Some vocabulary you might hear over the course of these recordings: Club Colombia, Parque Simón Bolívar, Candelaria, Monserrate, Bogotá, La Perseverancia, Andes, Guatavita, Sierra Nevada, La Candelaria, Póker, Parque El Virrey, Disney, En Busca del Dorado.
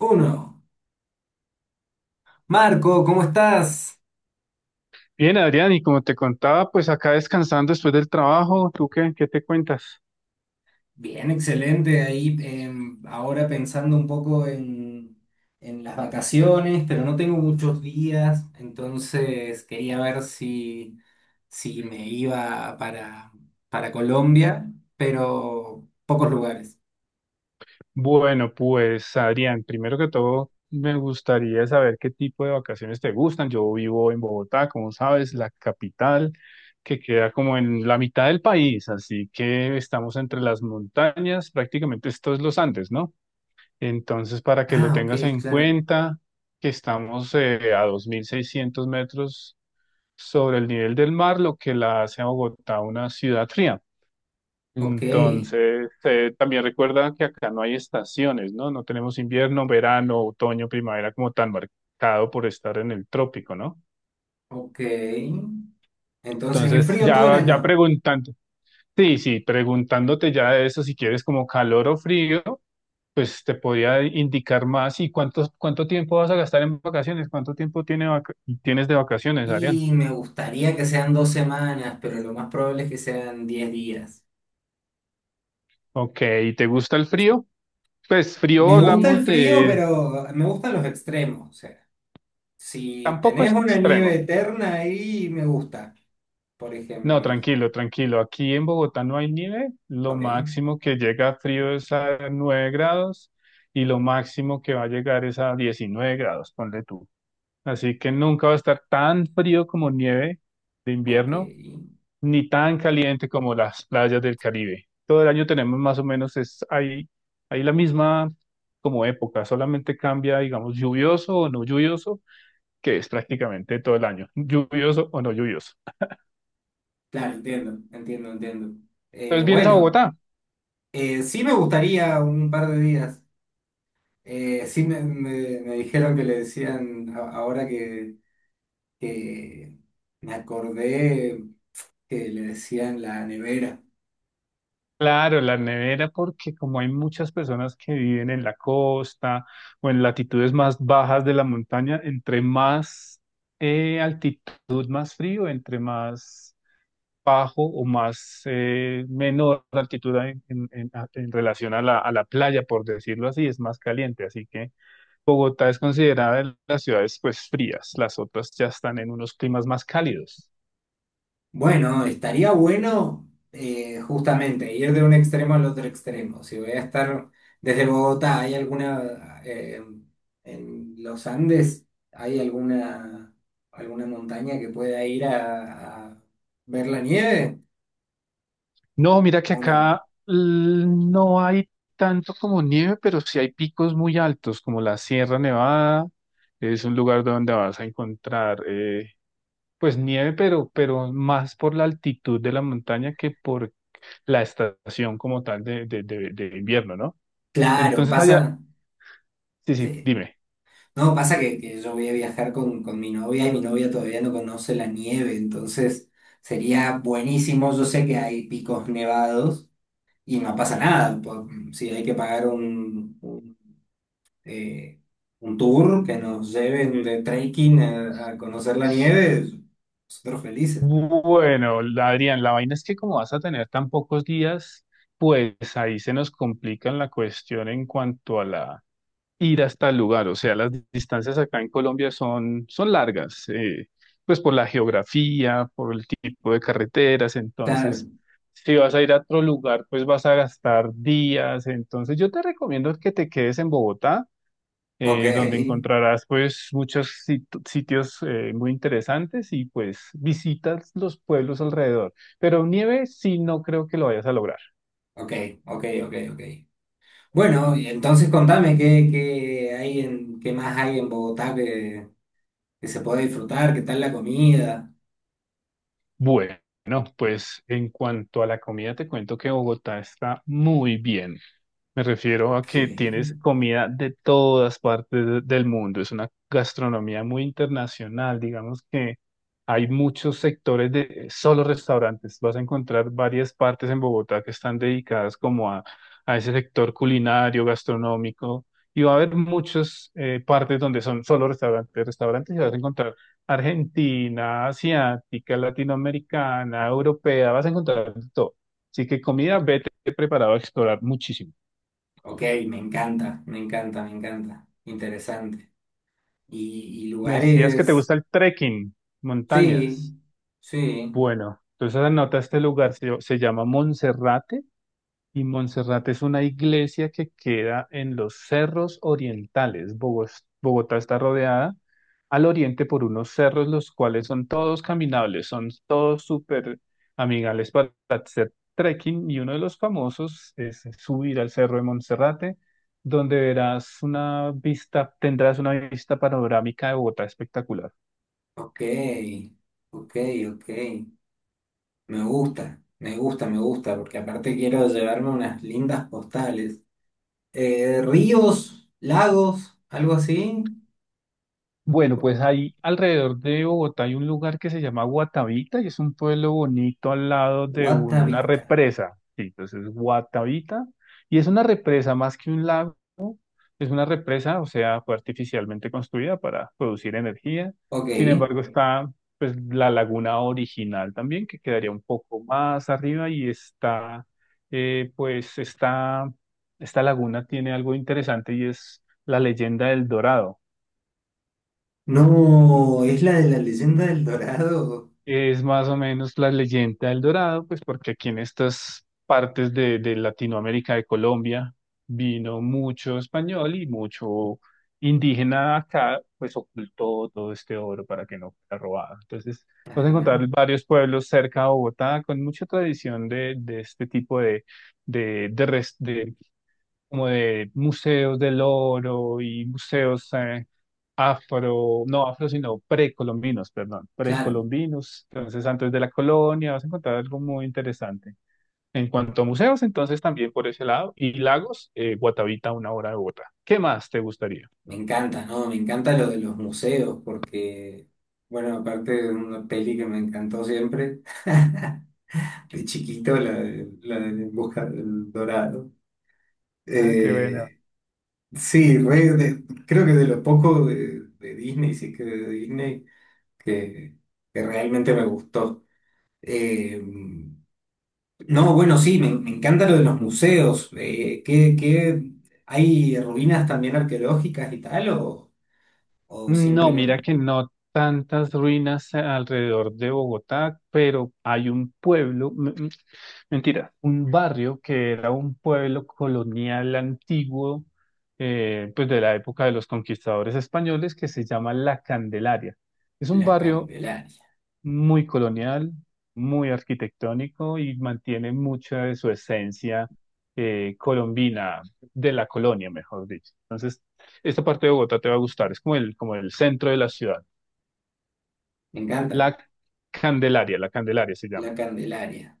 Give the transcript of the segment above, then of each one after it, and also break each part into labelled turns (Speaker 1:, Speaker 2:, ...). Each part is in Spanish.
Speaker 1: Uno. Marco, ¿cómo estás?
Speaker 2: Bien, Adrián, y como te contaba, pues acá descansando después del trabajo, ¿tú qué te cuentas?
Speaker 1: Bien, excelente. Ahí ahora pensando un poco en las vacaciones, pero no tengo muchos días, entonces quería ver si me iba para Colombia, pero pocos lugares.
Speaker 2: Bueno, pues Adrián, primero que todo, me gustaría saber qué tipo de vacaciones te gustan. Yo vivo en Bogotá, como sabes, la capital que queda como en la mitad del país, así que estamos entre las montañas, prácticamente esto es los Andes, ¿no? Entonces, para que lo
Speaker 1: Ah, ok,
Speaker 2: tengas en
Speaker 1: claro.
Speaker 2: cuenta, que estamos a 2.600 metros sobre el nivel del mar, lo que la hace a Bogotá una ciudad fría.
Speaker 1: Ok,
Speaker 2: Entonces, también recuerda que acá no hay estaciones, ¿no? No tenemos invierno, verano, otoño, primavera como tan marcado por estar en el trópico, ¿no?
Speaker 1: ok. Entonces es
Speaker 2: Entonces,
Speaker 1: frío todo el
Speaker 2: ya
Speaker 1: año.
Speaker 2: preguntando, sí, preguntándote ya de eso, si quieres como calor o frío, pues te podría indicar más y cuánto tiempo vas a gastar en vacaciones, cuánto tiempo tiene tienes de vacaciones, Arián.
Speaker 1: Y me gustaría que sean dos semanas, pero lo más probable es que sean diez días.
Speaker 2: Ok, ¿y te gusta el frío? Pues frío
Speaker 1: Me gusta
Speaker 2: hablamos
Speaker 1: el frío,
Speaker 2: de.
Speaker 1: pero me gustan los extremos. O sea, si
Speaker 2: Tampoco
Speaker 1: tenés
Speaker 2: es
Speaker 1: una nieve
Speaker 2: extremo.
Speaker 1: eterna ahí, me gusta, por
Speaker 2: No,
Speaker 1: ejemplo. Sí.
Speaker 2: tranquilo, tranquilo. Aquí en Bogotá no hay nieve. Lo
Speaker 1: Ok,
Speaker 2: máximo que llega frío es a 9 grados y lo máximo que va a llegar es a 19 grados, ponle tú. Así que nunca va a estar tan frío como nieve de
Speaker 1: ok.
Speaker 2: invierno, ni tan caliente como las playas del Caribe. Todo el año tenemos más o menos, es ahí la misma como época, solamente cambia, digamos, lluvioso o no lluvioso, que es prácticamente todo el año, lluvioso o no lluvioso.
Speaker 1: Claro, entiendo, entiendo, entiendo.
Speaker 2: Entonces vienes a
Speaker 1: Bueno,
Speaker 2: Bogotá.
Speaker 1: sí me gustaría un par de días. Sí me dijeron que le decían. Ahora que me acordé, que le decían la nevera.
Speaker 2: Claro, la nevera, porque como hay muchas personas que viven en la costa o en latitudes más bajas de la montaña, entre más altitud, más frío, entre más bajo o más menor altitud en, en relación a la, playa, por decirlo así, es más caliente. Así que Bogotá es considerada de las ciudades pues frías, las otras ya están en unos climas más cálidos.
Speaker 1: Bueno, estaría bueno justamente ir de un extremo al otro extremo. Si voy a estar desde Bogotá, ¿hay alguna en los Andes? ¿Hay alguna montaña que pueda ir a ver la nieve
Speaker 2: No, mira que
Speaker 1: o no?
Speaker 2: acá no hay tanto como nieve, pero sí hay picos muy altos, como la Sierra Nevada. Es un lugar donde vas a encontrar, pues nieve, pero más por la altitud de la montaña que por la estación como tal de invierno, ¿no?
Speaker 1: Claro,
Speaker 2: Entonces
Speaker 1: pasa.
Speaker 2: allá, sí,
Speaker 1: Sí.
Speaker 2: dime.
Speaker 1: No, pasa que yo voy a viajar con mi novia y mi novia todavía no conoce la nieve, entonces sería buenísimo. Yo sé que hay picos nevados y no pasa nada. Si hay que pagar eh, un tour que nos lleven
Speaker 2: Eh,
Speaker 1: de trekking a conocer la nieve, nosotros felices.
Speaker 2: Bueno, Adrián, la vaina es que como vas a tener tan pocos días, pues ahí se nos complica la cuestión en cuanto a la ir hasta el lugar. O sea, las distancias acá en Colombia son largas, pues por la geografía, por el tipo de carreteras.
Speaker 1: Claro,
Speaker 2: Entonces, si vas a ir a otro lugar, pues vas a gastar días. Entonces, yo te recomiendo que te quedes en Bogotá
Speaker 1: ok,
Speaker 2: donde encontrarás pues muchos sitios muy interesantes y pues visitas los pueblos alrededor. Pero nieve sí no creo que lo vayas a lograr.
Speaker 1: ok, ok, ok, ok. Bueno, y entonces contame qué hay en, qué más hay en Bogotá que se puede disfrutar, qué tal la comida.
Speaker 2: Bueno, pues en cuanto a la comida, te cuento que Bogotá está muy bien. Me refiero a
Speaker 1: Ok,
Speaker 2: que tienes comida de todas partes del mundo. Es una gastronomía muy internacional. Digamos que hay muchos sectores de solo restaurantes. Vas a encontrar varias partes en Bogotá que están dedicadas como a ese sector culinario, gastronómico. Y va a haber muchas partes donde son solo restaurantes y vas a encontrar Argentina, asiática, latinoamericana, europea. Vas a encontrar de todo. Así que comida, vete preparado a explorar muchísimo.
Speaker 1: ok, me encanta, me encanta, me encanta. Interesante. Y
Speaker 2: Me decías que te
Speaker 1: lugares,
Speaker 2: gusta el trekking,
Speaker 1: sí,
Speaker 2: montañas.
Speaker 1: sí.
Speaker 2: Bueno, entonces anota este lugar, se llama Monserrate y Monserrate es una iglesia que queda en los cerros orientales. Bogotá está rodeada al oriente por unos cerros, los cuales son todos caminables, son todos súper amigables para hacer trekking y uno de los famosos es subir al cerro de Monserrate, donde verás una vista, tendrás una vista panorámica de Bogotá espectacular.
Speaker 1: Ok, ok, ok. Me gusta, me gusta, me gusta, porque aparte quiero llevarme unas lindas postales. Ríos, lagos, algo así.
Speaker 2: Bueno, pues ahí alrededor de Bogotá hay un lugar que se llama Guatavita y es un pueblo bonito al lado de una
Speaker 1: Guatavita.
Speaker 2: represa. Sí, entonces Guatavita y es una represa más que un lago, es una represa, o sea, fue artificialmente construida para producir energía.
Speaker 1: Ok.
Speaker 2: Sin embargo, está pues la laguna original también que quedaría un poco más arriba y está pues esta laguna tiene algo interesante y es la leyenda del Dorado.
Speaker 1: No, es la de la leyenda del Dorado.
Speaker 2: Es más o menos la leyenda del Dorado, pues porque aquí en estas partes de Latinoamérica, de Colombia, vino mucho español y mucho indígena acá, pues ocultó todo este oro para que no fuera robado. Entonces, vas a
Speaker 1: Ajá.
Speaker 2: encontrar varios pueblos cerca de Bogotá con mucha tradición de este tipo de como de museos del oro y museos afro, no afro, sino precolombinos, perdón,
Speaker 1: Claro,
Speaker 2: precolombinos. Entonces, antes de la colonia, vas a encontrar algo muy interesante. En cuanto a museos, entonces también por ese lado, y lagos, Guatavita, una hora de Bogotá. ¿Qué más te gustaría?
Speaker 1: me encanta, ¿no? Me encanta lo de los museos, porque, bueno, aparte de una peli que me encantó siempre, de chiquito, la la de En Busca del Dorado.
Speaker 2: Ah, qué bueno.
Speaker 1: Eh, Sí, creo que de lo poco de Disney, sí que de Disney, que, que realmente me gustó. Eh, no, bueno, sí, me encanta lo de los museos. ¿ hay ruinas también arqueológicas y tal? O
Speaker 2: No, mira
Speaker 1: simplemente
Speaker 2: que no tantas ruinas alrededor de Bogotá, pero hay un pueblo, mentira, un barrio que era un pueblo colonial antiguo, pues de la época de los conquistadores españoles, que se llama La Candelaria. Es un
Speaker 1: la
Speaker 2: barrio
Speaker 1: Candelaria?
Speaker 2: muy colonial, muy arquitectónico y mantiene mucha de su esencia colombina, de la colonia, mejor dicho. Entonces, esta parte de Bogotá te va a gustar, es como como el centro de la ciudad.
Speaker 1: Me encanta,
Speaker 2: La la Candelaria se
Speaker 1: la
Speaker 2: llama.
Speaker 1: Candelaria.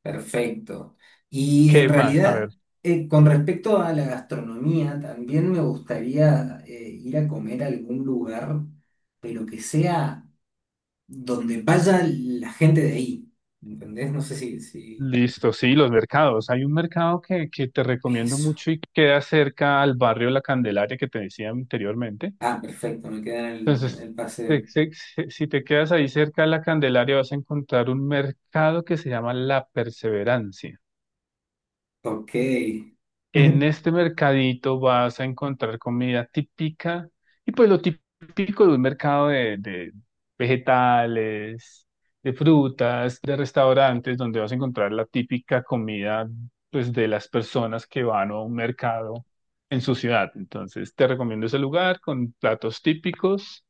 Speaker 1: Perfecto. Y en
Speaker 2: ¿Qué más? A ver,
Speaker 1: realidad, con respecto a la gastronomía, también me gustaría ir a comer a algún lugar, pero que sea donde vaya la gente de ahí. ¿Entendés? No sé si...
Speaker 2: listo, sí, los mercados. Hay un mercado que te recomiendo
Speaker 1: Eso.
Speaker 2: mucho y queda cerca al barrio La Candelaria que te decía anteriormente.
Speaker 1: Ah, perfecto, me queda en
Speaker 2: Entonces,
Speaker 1: el pase.
Speaker 2: si te quedas ahí cerca de la Candelaria, vas a encontrar un mercado que se llama La Perseverancia.
Speaker 1: Ok.
Speaker 2: En este mercadito vas a encontrar comida típica y pues lo típico de un mercado de vegetales, de frutas, de restaurantes, donde vas a encontrar la típica comida pues de las personas que van a un mercado en su ciudad. Entonces te recomiendo ese lugar con platos típicos,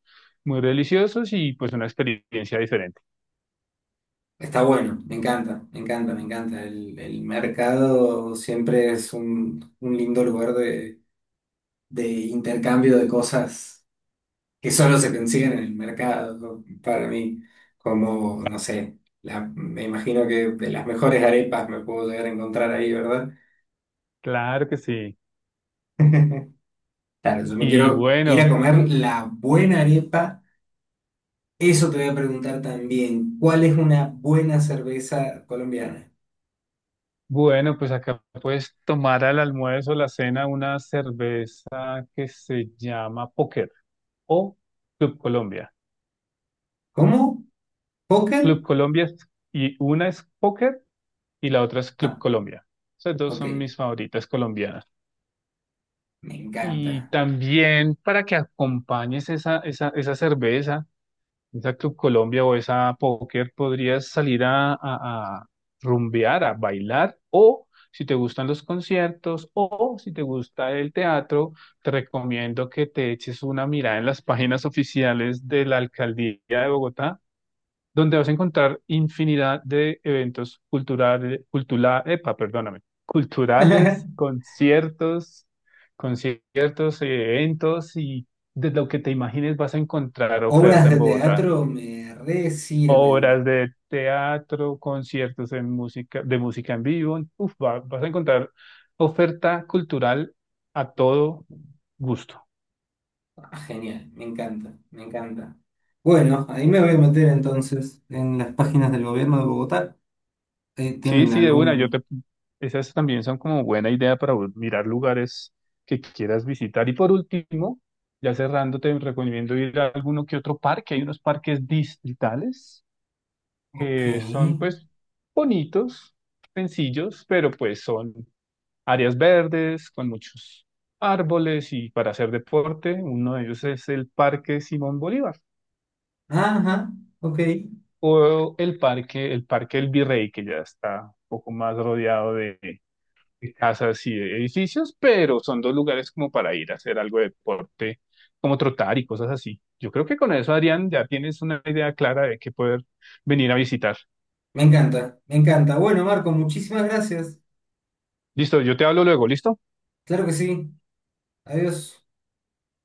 Speaker 2: muy deliciosos y pues una experiencia diferente.
Speaker 1: Está bueno, me encanta, me encanta, me encanta. El mercado siempre es un lindo lugar de intercambio de cosas que solo se consiguen en el mercado para mí, como, no sé, me imagino que de las mejores arepas me puedo llegar a encontrar ahí, ¿verdad?
Speaker 2: Claro que sí.
Speaker 1: Claro, yo me
Speaker 2: Y
Speaker 1: quiero ir a
Speaker 2: bueno.
Speaker 1: comer la buena arepa. Eso te voy a preguntar también, ¿cuál es una buena cerveza colombiana?
Speaker 2: Bueno, pues acá puedes tomar al almuerzo o la cena una cerveza que se llama Póker o Club Colombia.
Speaker 1: ¿Cómo? ¿Poker?
Speaker 2: Club Colombia y una es Póker y la otra es Club
Speaker 1: Ah,
Speaker 2: Colombia. Esas dos
Speaker 1: ok,
Speaker 2: son mis favoritas colombianas.
Speaker 1: me
Speaker 2: Y
Speaker 1: encanta.
Speaker 2: también para que acompañes esa, esa cerveza, esa Club Colombia o esa póker, podrías salir a, a rumbear, a bailar, o si te gustan los conciertos, o si te gusta el teatro, te recomiendo que te eches una mirada en las páginas oficiales de la Alcaldía de Bogotá, donde vas a encontrar infinidad de eventos culturales, cultura, epa, perdóname, culturales, conciertos, eventos y de lo que te imagines vas a encontrar
Speaker 1: Obras
Speaker 2: oferta en
Speaker 1: de
Speaker 2: Bogotá,
Speaker 1: teatro me re sirven.
Speaker 2: obras de teatro, conciertos en música, de música en vivo. Uf, vas a encontrar oferta cultural a todo gusto.
Speaker 1: Ah, genial, me encanta, me encanta. Bueno, ahí me voy a meter entonces en las páginas del gobierno de Bogotá.
Speaker 2: Sí,
Speaker 1: ¿Tienen
Speaker 2: sí, de una, yo
Speaker 1: algún...?
Speaker 2: te, esas también son como buena idea para mirar lugares que quieras visitar. Y por último, ya cerrando, te recomiendo ir a alguno que otro parque. Hay unos parques distritales
Speaker 1: Ok.
Speaker 2: que son pues bonitos, sencillos, pero pues son áreas verdes con muchos árboles y para hacer deporte, uno de ellos es el Parque Simón Bolívar
Speaker 1: Ajá, ok.
Speaker 2: o el parque, el Parque El Virrey, que ya está un poco más rodeado de casas y de edificios, pero son dos lugares como para ir a hacer algo de deporte, como trotar y cosas así. Yo creo que con eso, Adrián, ya tienes una idea clara de qué poder venir a visitar.
Speaker 1: Me encanta, me encanta. Bueno, Marco, muchísimas gracias.
Speaker 2: Listo, yo te hablo luego, ¿listo?
Speaker 1: Claro que sí. Adiós.